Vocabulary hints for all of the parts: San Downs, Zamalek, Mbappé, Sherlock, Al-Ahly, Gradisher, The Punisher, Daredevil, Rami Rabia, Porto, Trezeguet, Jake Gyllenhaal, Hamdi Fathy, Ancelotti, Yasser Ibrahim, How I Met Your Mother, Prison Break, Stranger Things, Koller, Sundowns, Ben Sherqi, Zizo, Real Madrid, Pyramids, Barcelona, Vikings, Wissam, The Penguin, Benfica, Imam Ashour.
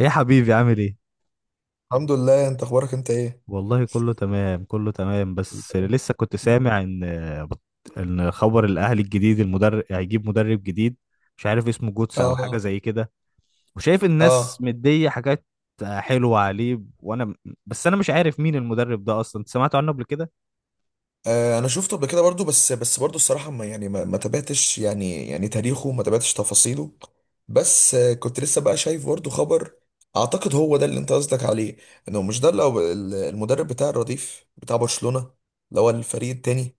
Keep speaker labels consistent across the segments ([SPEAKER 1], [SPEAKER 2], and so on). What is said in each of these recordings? [SPEAKER 1] ايه يا حبيبي، عامل ايه؟
[SPEAKER 2] الحمد لله. انت اخبارك، انت ايه؟
[SPEAKER 1] والله كله تمام كله تمام، بس لسه كنت سامع ان خبر الاهلي الجديد المدرب، هيجيب مدرب جديد، مش عارف اسمه جوتس او حاجه
[SPEAKER 2] اه.
[SPEAKER 1] زي كده، وشايف الناس
[SPEAKER 2] اه.
[SPEAKER 1] مديه حاجات حلوه عليه، وانا بس انا مش عارف مين المدرب ده اصلا. أنت سمعت عنه قبل كده؟
[SPEAKER 2] آه، انا شفته قبل كده برضو بس برضو الصراحه ما يعني ما تابعتش يعني تاريخه، ما تابعتش تفاصيله. بس كنت لسه بقى شايف برضو خبر. اعتقد هو ده اللي انت قصدك عليه. انه مش ده اللي هو المدرب بتاع الرديف بتاع برشلونه، اللي هو الفريق التاني.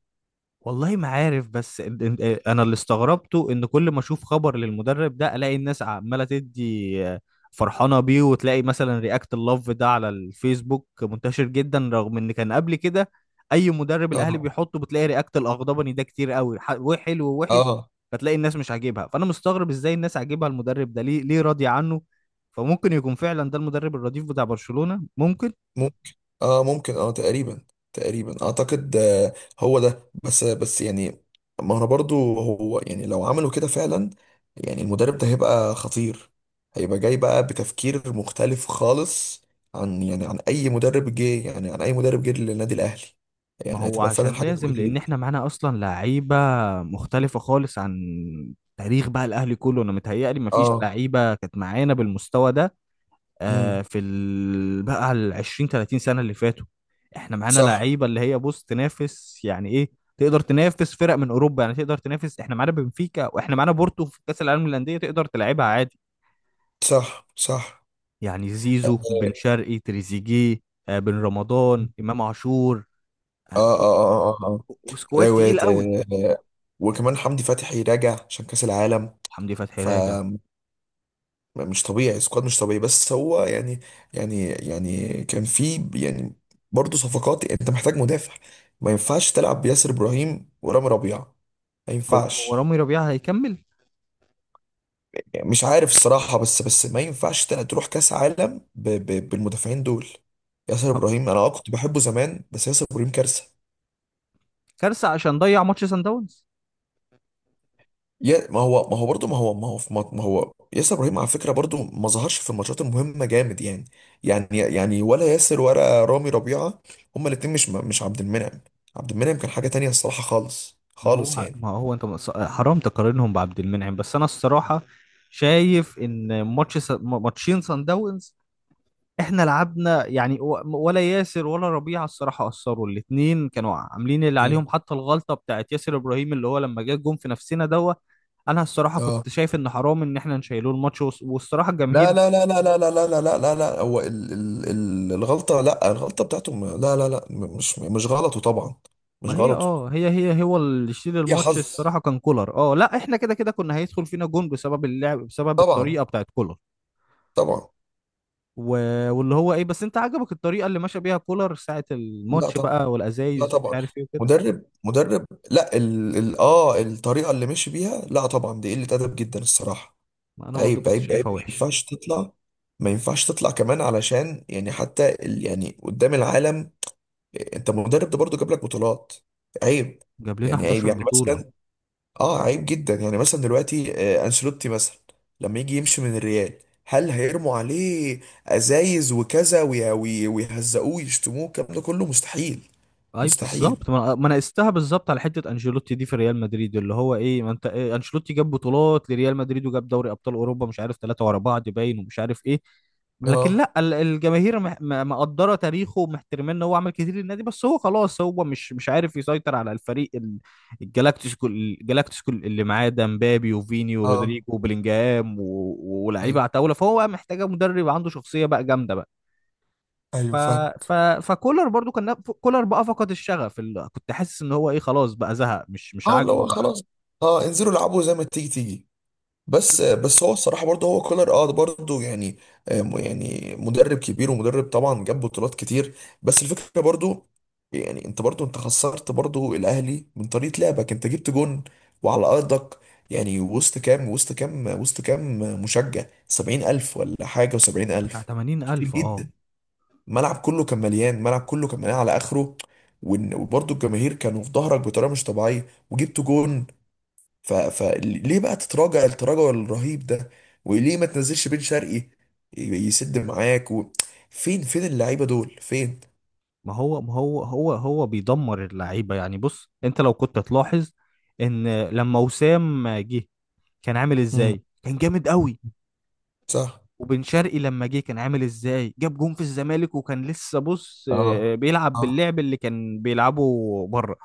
[SPEAKER 1] والله ما عارف، بس إن- إن- إيه، انا اللي استغربته ان كل ما اشوف خبر للمدرب ده الاقي الناس عماله تدي، فرحانه بيه، وتلاقي مثلا رياكت اللوف ده على الفيسبوك منتشر جدا، رغم ان كان قبل كده اي مدرب الاهلي
[SPEAKER 2] اه.
[SPEAKER 1] بيحطه بتلاقي رياكت الاغضبني ده كتير قوي، وحلو ووحش،
[SPEAKER 2] اه
[SPEAKER 1] فتلاقي الناس مش عاجبها. فانا مستغرب ازاي الناس عاجبها المدرب ده، ليه ليه راضيه عنه؟ فممكن يكون فعلا ده المدرب الرديف بتاع برشلونة، ممكن.
[SPEAKER 2] ممكن. اه ممكن، اه تقريبا. تقريبا اعتقد، آه. هو ده. بس يعني، ما انا برضو هو، يعني لو عملوا كده فعلا، يعني المدرب ده هيبقى خطير. هيبقى جاي بقى بتفكير مختلف خالص عن، يعني عن اي مدرب جه، يعني عن اي مدرب جه للنادي الاهلي.
[SPEAKER 1] ما
[SPEAKER 2] يعني
[SPEAKER 1] هو
[SPEAKER 2] هتبقى فعلا
[SPEAKER 1] عشان
[SPEAKER 2] حاجة
[SPEAKER 1] لازم،
[SPEAKER 2] كويسة
[SPEAKER 1] لان
[SPEAKER 2] جدا.
[SPEAKER 1] احنا معانا اصلا لعيبه مختلفه خالص عن تاريخ بقى الاهلي كله. انا متهيألي ما فيش
[SPEAKER 2] اه.
[SPEAKER 1] لعيبه كانت معانا بالمستوى ده،
[SPEAKER 2] امم
[SPEAKER 1] في بقى ال 20 30 سنه اللي فاتوا. احنا معانا
[SPEAKER 2] صح.
[SPEAKER 1] لعيبه اللي هي بص تنافس، يعني ايه، تقدر تنافس فرق من اوروبا. يعني تقدر تنافس، احنا معانا بنفيكا واحنا معانا بورتو في كاس العالم للانديه، تقدر تلعبها عادي.
[SPEAKER 2] صح. صح.
[SPEAKER 1] يعني زيزو، بن
[SPEAKER 2] اه.
[SPEAKER 1] شرقي، تريزيجيه، بن رمضان، امام عاشور، آه،
[SPEAKER 2] اه. اه.
[SPEAKER 1] كو-
[SPEAKER 2] اه. اه.
[SPEAKER 1] سكواد
[SPEAKER 2] لو- آه،
[SPEAKER 1] تقيل قوي.
[SPEAKER 2] آه، آه. وكمان حمدي فتحي راجع عشان كأس العالم.
[SPEAKER 1] حمدي فتحي
[SPEAKER 2] ف
[SPEAKER 1] راجع.
[SPEAKER 2] مش طبيعي، سكواد مش طبيعي. بس هو يعني، يعني يعني كان في، يعني برضه صفقات. يعني انت محتاج مدافع، ما ينفعش تلعب بياسر ابراهيم ورامي ربيعه، ما
[SPEAKER 1] هو
[SPEAKER 2] ينفعش.
[SPEAKER 1] رامي ربيعة هيكمل.
[SPEAKER 2] يعني مش عارف الصراحه. بس ما ينفعش تروح كاس عالم ب ب بالمدافعين دول. ياسر
[SPEAKER 1] هو-
[SPEAKER 2] ابراهيم انا كنت بحبه زمان، بس ياسر ابراهيم كارثه.
[SPEAKER 1] كارثة عشان ضيع ماتش سان داونز.
[SPEAKER 2] يا ما هو برضه ما هو في ما هو ياسر ابراهيم على فكره برضه ما ظهرش في الماتشات المهمه جامد يعني يعني ولا ياسر ولا رامي ربيعه، هما الاثنين مش عبد المنعم. عبد المنعم كان حاجه تانية الصراحه، خالص
[SPEAKER 1] ما
[SPEAKER 2] خالص
[SPEAKER 1] هو
[SPEAKER 2] يعني.
[SPEAKER 1] ما هو انت، حرام تقارنهم بعبد المنعم. بس انا الصراحة شايف ان ماتش ماتشين سان داونز احنا لعبنا يعني، ولا ياسر ولا ربيعة الصراحة أثروا، الاتنين كانوا عاملين اللي
[SPEAKER 2] اه.
[SPEAKER 1] عليهم. حتى الغلطة بتاعت ياسر إبراهيم اللي هو لما جه الجون في نفسنا دوت، انا الصراحة
[SPEAKER 2] اه.
[SPEAKER 1] كنت شايف ان حرام ان احنا نشيله الماتش، والصراحة
[SPEAKER 2] لا
[SPEAKER 1] الجماهير.
[SPEAKER 2] لا لا لا لا لا لا لا لا لا لا، هو ال ال ال الغلطه. لا، الغلطه بتاعته لا لا لا، مش غلطه طبعا. مش
[SPEAKER 1] ما هي
[SPEAKER 2] غلطه،
[SPEAKER 1] اه هي هي هو اللي يشيل
[SPEAKER 2] هي
[SPEAKER 1] الماتش.
[SPEAKER 2] حظ.
[SPEAKER 1] الصراحه كان كولر، اه لا احنا كده كده كنا هيدخل فينا جون، بسبب اللعب، بسبب
[SPEAKER 2] طبعا.
[SPEAKER 1] الطريقه بتاعت كولر.
[SPEAKER 2] طبعا.
[SPEAKER 1] و... واللي هو ايه، بس انت عجبك الطريقه اللي ماشى بيها كولر ساعه
[SPEAKER 2] لا
[SPEAKER 1] الماتش
[SPEAKER 2] طبعا.
[SPEAKER 1] بقى،
[SPEAKER 2] لا
[SPEAKER 1] والازايز ومش
[SPEAKER 2] طبعا.
[SPEAKER 1] عارف ايه وكده؟
[SPEAKER 2] مدرب مدرب. لا، ال... ال... اه الطريقه اللي مشي بيها، لا طبعا، دي قله ادب جدا الصراحه.
[SPEAKER 1] ما انا
[SPEAKER 2] صح.
[SPEAKER 1] برضو
[SPEAKER 2] عيب
[SPEAKER 1] كنت
[SPEAKER 2] عيب عيب،
[SPEAKER 1] شايفها
[SPEAKER 2] ما
[SPEAKER 1] وحش.
[SPEAKER 2] ينفعش تطلع. ما ينفعش تطلع كمان، علشان يعني حتى يعني قدام العالم. انت مدرب ده برضه جاب لك بطولات. عيب.
[SPEAKER 1] جاب لنا
[SPEAKER 2] يعني عيب،
[SPEAKER 1] 11
[SPEAKER 2] يعني
[SPEAKER 1] بطوله.
[SPEAKER 2] مثلا، اه عيب جدا. يعني مثلا دلوقتي انشيلوتي مثلا لما يجي يمشي من الريال، هل هيرموا عليه ازايز وكذا، ويهزقوه ويشتموه؟ الكلام ده كله مستحيل.
[SPEAKER 1] اي
[SPEAKER 2] مستحيل.
[SPEAKER 1] بالظبط، ما انا قستها بالظبط على حته انشيلوتي دي في ريال مدريد، اللي هو ايه ما انت إيه، انشيلوتي جاب بطولات لريال مدريد وجاب دوري ابطال اوروبا، مش عارف ثلاثه ورا بعض، باين ومش عارف ايه. لكن
[SPEAKER 2] اه.
[SPEAKER 1] لا، الجماهير مقدره تاريخه، ومحترمين ان هو عمل كتير للنادي. بس هو خلاص، هو مش عارف يسيطر على الفريق الجلاكتيكو. الجلاكتيكو اللي معاه ده، مبابي وفيني
[SPEAKER 2] اه.
[SPEAKER 1] ورودريجو وبلينجهام ولاعيبه
[SPEAKER 2] ايوه.
[SPEAKER 1] عتاوله، فهو بقى محتاجه مدرب عنده شخصيه بقى جامده. ف...
[SPEAKER 2] ايوه
[SPEAKER 1] ف...
[SPEAKER 2] فاهمك.
[SPEAKER 1] فكولر برضو، كان كولر بقى فقد الشغف، كنت حاسس ان هو ايه، خلاص بقى زهق، مش
[SPEAKER 2] اه، اللي
[SPEAKER 1] عاجبه
[SPEAKER 2] هو
[SPEAKER 1] بقى.
[SPEAKER 2] خلاص. اه، انزلوا العبوا زي ما تيجي تيجي. بس هو الصراحه برضه هو كولر، برضه يعني، يعني مدرب كبير ومدرب طبعا جاب بطولات كتير. بس الفكره برضه، يعني انت برضه، انت خسرت برضه الاهلي من طريقه لعبك. انت جبت جون وعلى ارضك، يعني وسط كام، مشجع؟ 70000 ولا حاجه،
[SPEAKER 1] طب بتاع
[SPEAKER 2] و70000، كتير
[SPEAKER 1] 80,000، اه.
[SPEAKER 2] جدا. الملعب كله كان مليان، الملعب كله كان مليان على اخره. وبرضه الجماهير كانوا في ظهرك بطريقه مش طبيعيه وجبت جون. فليه بقى تتراجع التراجع الرهيب ده؟ وليه ما تنزلش بن شرقي يسد معاك فين، فين اللعيبه دول، فين؟
[SPEAKER 1] ما هو بيدمر اللعيبه يعني. بص انت لو كنت تلاحظ، ان لما وسام جه كان عامل
[SPEAKER 2] امم
[SPEAKER 1] ازاي، كان جامد قوي.
[SPEAKER 2] صح.
[SPEAKER 1] وبن شرقي لما جه كان عامل ازاي، جاب جون في الزمالك، وكان لسه بص،
[SPEAKER 2] اه.
[SPEAKER 1] بيلعب
[SPEAKER 2] اه
[SPEAKER 1] باللعب اللي كان بيلعبه بره.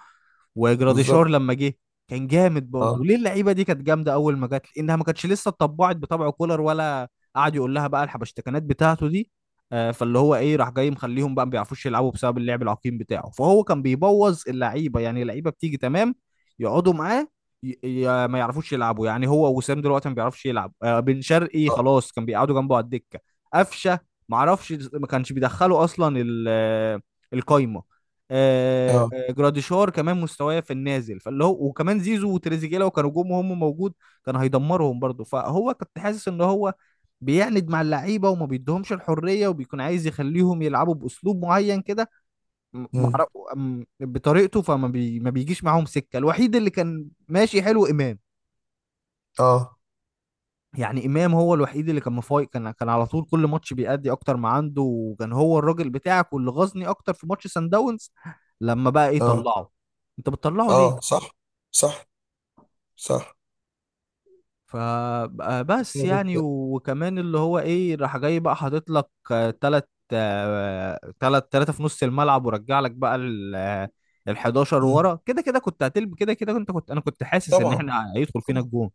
[SPEAKER 1] وجراديشار
[SPEAKER 2] بالظبط.
[SPEAKER 1] لما جه كان جامد برضه.
[SPEAKER 2] اه.
[SPEAKER 1] ليه اللعيبه دي كانت جامده اول ما جت؟ لانها ما كانتش لسه اتطبعت بطبع كولر، ولا قعد يقول لها بقى الحبشتكنات بتاعته دي. فاللي هو ايه، راح جاي مخليهم بقى ما بيعرفوش يلعبوا بسبب اللعب العقيم بتاعه. فهو كان بيبوظ اللعيبه يعني. اللعيبه بتيجي تمام، يقعدوا معاه، ما يعرفوش يلعبوا. يعني هو وسام دلوقتي ما بيعرفش يلعب، بن شرقي
[SPEAKER 2] اه.
[SPEAKER 1] خلاص كان بيقعدوا جنبه على الدكه. قفشه، ما اعرفش، ما كانش بيدخله اصلا، القايمه.
[SPEAKER 2] اه.
[SPEAKER 1] جراديشار كمان مستواه في النازل، فاللي هو وكمان زيزو وتريزيجيه لو كانوا جم وهم موجود، كان هيدمرهم برضه. فهو كنت حاسس ان هو بيعند مع اللعيبه، وما بيدهمش الحريه، وبيكون عايز يخليهم يلعبوا باسلوب معين كده، م-
[SPEAKER 2] مم.
[SPEAKER 1] معرف بطريقته. ما بيجيش معاهم سكه. الوحيد اللي كان ماشي حلو امام،
[SPEAKER 2] اه.
[SPEAKER 1] يعني امام هو الوحيد اللي كان مفايق، كان على طول كل ماتش بيأدي اكتر ما عنده، وكان هو الراجل بتاعك. واللي غزني اكتر في ماتش سان داونز، لما بقى ايه
[SPEAKER 2] اه.
[SPEAKER 1] طلعه، انت بتطلعه ليه؟
[SPEAKER 2] اه. صح. صح. صح.
[SPEAKER 1] فبس يعني،
[SPEAKER 2] بس-
[SPEAKER 1] وكمان اللي هو ايه، راح جاي بقى حاطط لك، تلت تلاتة في نص الملعب، ورجع لك بقى ال 11
[SPEAKER 2] مم.
[SPEAKER 1] ورا. كده كده كنت هتلب، كده كده كنت حاسس ان
[SPEAKER 2] طبعا.
[SPEAKER 1] احنا هيدخل فينا الجون.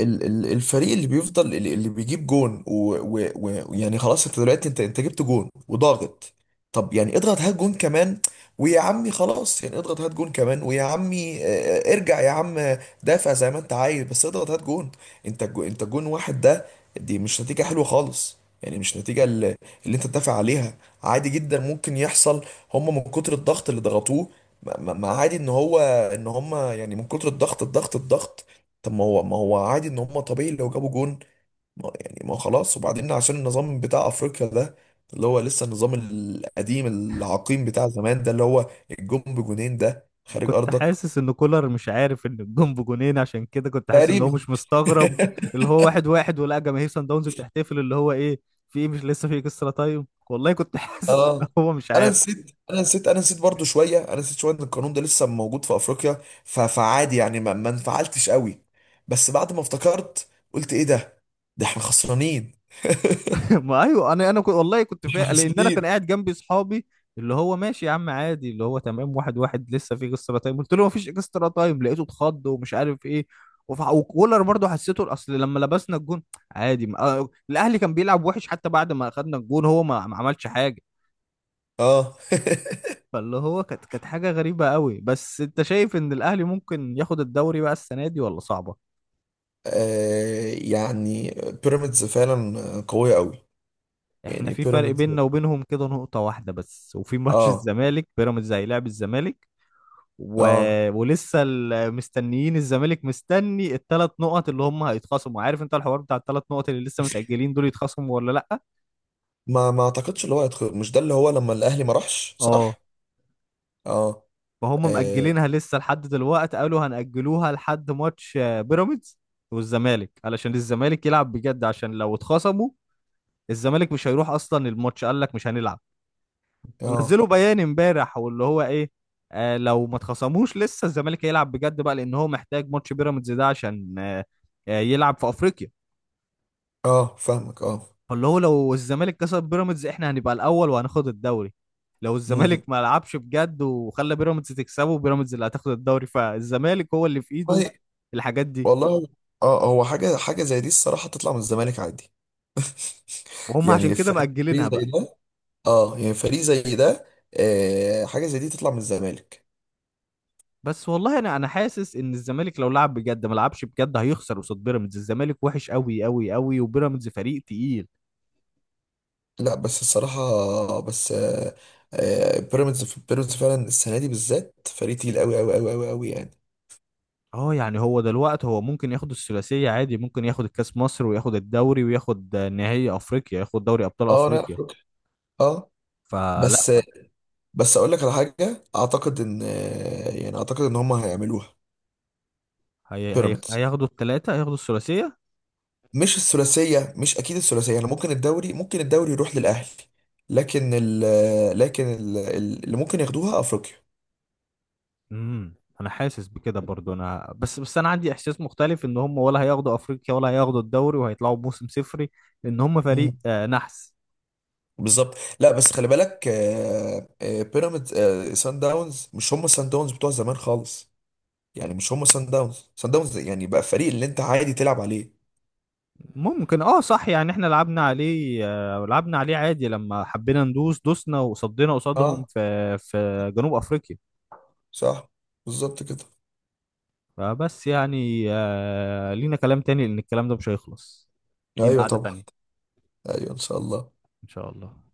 [SPEAKER 2] الفريق اللي بيفضل، اللي بيجيب جون ويعني يعني خلاص، انت دلوقتي انت جبت جون وضاغط. طب يعني اضغط هات جون كمان، ويا عمي خلاص. يعني اضغط هات جون كمان، ويا عمي ارجع يا عم. دافع زي ما انت عايز، بس اضغط هات جون. انت انت جون واحد ده، دي مش نتيجة حلوة خالص. يعني مش نتيجة اللي انت تدافع عليها. عادي جدا ممكن يحصل، هم من كتر الضغط اللي ضغطوه. ما عادي ان هو، ان هم يعني من كتر الضغط، الضغط الضغط. طب ما هو عادي ان هم، طبيعي لو جابوا جون. ما يعني، ما هو خلاص. وبعدين عشان النظام بتاع افريقيا ده، اللي هو لسه النظام القديم العقيم بتاع زمان ده، اللي هو الجون بجونين ده
[SPEAKER 1] انا
[SPEAKER 2] خارج
[SPEAKER 1] كنت
[SPEAKER 2] ارضك.
[SPEAKER 1] حاسس ان كولر مش عارف ان الجون بجونين، عشان كده كنت حاسس ان هو
[SPEAKER 2] تقريبا.
[SPEAKER 1] مش مستغرب، اللي هو واحد واحد، ولقى جماهير سان داونز بتحتفل، اللي هو ايه في ايه، مش لسه في اكسترا تايم، والله كنت حاسس ان
[SPEAKER 2] اه.
[SPEAKER 1] هو مش
[SPEAKER 2] انا
[SPEAKER 1] عارف.
[SPEAKER 2] نسيت انا نسيت انا نسيت برضو شويه، انا نسيت شويه ان القانون ده لسه موجود في افريقيا. فعادي يعني، ما انفعلتش قوي. بس بعد ما افتكرت قلت ايه ده؟ ده احنا خسرانين.
[SPEAKER 1] ما ايوه، انا كنت، والله كنت
[SPEAKER 2] احنا
[SPEAKER 1] فاهم، لان انا كان
[SPEAKER 2] خسرانين.
[SPEAKER 1] قاعد جنبي صحابي، اللي هو ماشي يا عم عادي، اللي هو تمام، واحد واحد لسه في اكسترا تايم. قلت له ما فيش اكسترا تايم، لقيته اتخض ومش عارف ايه. وكولر برضه حسيته اصل، لما لبسنا الجون عادي، ما... آه، الاهلي كان بيلعب وحش. حتى بعد ما اخدنا الجون هو ما عملش حاجه.
[SPEAKER 2] اه.
[SPEAKER 1] فاللي هو كانت حاجه غريبه قوي. بس انت شايف ان الاهلي ممكن ياخد الدوري بقى السنه دي، ولا صعبه؟
[SPEAKER 2] يعني بيراميدز فعلا قوية قوي.
[SPEAKER 1] احنا
[SPEAKER 2] يعني
[SPEAKER 1] في فرق
[SPEAKER 2] بيراميدز.
[SPEAKER 1] بيننا وبينهم كده نقطه واحده بس، وفي ماتش
[SPEAKER 2] اه.
[SPEAKER 1] الزمالك بيراميدز هيلاعب الزمالك. و...
[SPEAKER 2] اه.
[SPEAKER 1] ولسه مستنيين الزمالك، مستني الثلاث نقط اللي هم هيتخصموا. عارف انت الحوار بتاع الثلاث نقط اللي لسه متأجلين دول، يتخصموا ولا لأ؟
[SPEAKER 2] ما اعتقدش، اللي هو هيدخل، مش ده اللي هو لما الاهلي ما راحش،
[SPEAKER 1] اه،
[SPEAKER 2] صح؟ اه.
[SPEAKER 1] فهم
[SPEAKER 2] اه.
[SPEAKER 1] مأجلينها لسه لحد دلوقتي، قالوا هنأجلوها لحد ماتش، بيراميدز والزمالك، علشان الزمالك يلعب بجد. عشان لو اتخصموا، الزمالك مش هيروح اصلا الماتش، قال لك مش هنلعب.
[SPEAKER 2] اه،
[SPEAKER 1] نزلوا بيان امبارح واللي هو ايه، آه لو ما اتخصموش لسه الزمالك هيلعب بجد بقى، لان هو محتاج ماتش بيراميدز ده عشان، يلعب في افريقيا.
[SPEAKER 2] آه فاهمك. اه.
[SPEAKER 1] فاللي هو، لو الزمالك كسب بيراميدز، احنا هنبقى الاول وهناخد الدوري. لو
[SPEAKER 2] مم.
[SPEAKER 1] الزمالك ما لعبش بجد، وخلى بيراميدز تكسبه، بيراميدز اللي هتاخد الدوري. فالزمالك هو اللي في ايده
[SPEAKER 2] والله.
[SPEAKER 1] الحاجات دي،
[SPEAKER 2] والله. اه، هو حاجة زي دي الصراحة تطلع من الزمالك عادي.
[SPEAKER 1] وهم عشان
[SPEAKER 2] يعني
[SPEAKER 1] كده
[SPEAKER 2] فريق
[SPEAKER 1] مأجلينها
[SPEAKER 2] زي
[SPEAKER 1] بقى.
[SPEAKER 2] ده. اه، يعني فريق زي ده. حاجة زي دي تطلع من الزمالك.
[SPEAKER 1] بس والله انا حاسس ان الزمالك لو لعب بجد، ما لعبش بجد هيخسر قصاد بيراميدز. الزمالك وحش قوي قوي قوي، وبيراميدز فريق تقيل.
[SPEAKER 2] لا بس الصراحة، بس بيراميدز فعلا السنة دي بالذات فريق تقيل قوي قوي قوي قوي قوي يعني.
[SPEAKER 1] اه يعني، هو دلوقتي هو ممكن ياخد الثلاثية عادي، ممكن ياخد الكاس مصر وياخد الدوري وياخد نهائي افريقيا، ياخد دوري ابطال
[SPEAKER 2] اه انا
[SPEAKER 1] افريقيا.
[SPEAKER 2] افريقيا. اه،
[SPEAKER 1] فلا،
[SPEAKER 2] بس بس اقول لك على حاجة. اعتقد ان، يعني اعتقد ان هم هيعملوها بيراميدز.
[SPEAKER 1] هياخدوا الثلاثة، هياخدوا الثلاثية.
[SPEAKER 2] مش الثلاثية، مش اكيد الثلاثية. يعني ممكن الدوري، ممكن الدوري يروح للاهلي، لكن ال آه، لكن ال- ال- اللي ممكن ياخدوها افريقيا.
[SPEAKER 1] امم انا حاسس بكده برضو، انا بس انا عندي احساس مختلف، ان هم ولا هياخدوا افريقيا ولا هياخدوا الدوري، وهيطلعوا بموسم صفري، لان هم فريق،
[SPEAKER 2] مم.
[SPEAKER 1] نحس.
[SPEAKER 2] بالظبط. لا بس خلي بالك، بيراميدز، سان داونز مش هم سان داونز بتوع زمان خالص. يعني مش هم سان داونز، سان داونز يعني بقى فريق اللي انت عادي تلعب عليه.
[SPEAKER 1] ممكن، اه صح، يعني احنا لعبنا عليه، لعبنا عليه عادي لما حبينا ندوس دوسنا، وصدينا قصادهم
[SPEAKER 2] اه
[SPEAKER 1] في جنوب افريقيا.
[SPEAKER 2] صح. بالظبط كده.
[SPEAKER 1] فبس يعني، لينا كلام تاني، لان الكلام ده مش هيخلص. لينا
[SPEAKER 2] ايوه
[SPEAKER 1] قعدة
[SPEAKER 2] طبعا.
[SPEAKER 1] تانية،
[SPEAKER 2] ايوه ان شاء الله.
[SPEAKER 1] ان شاء الله.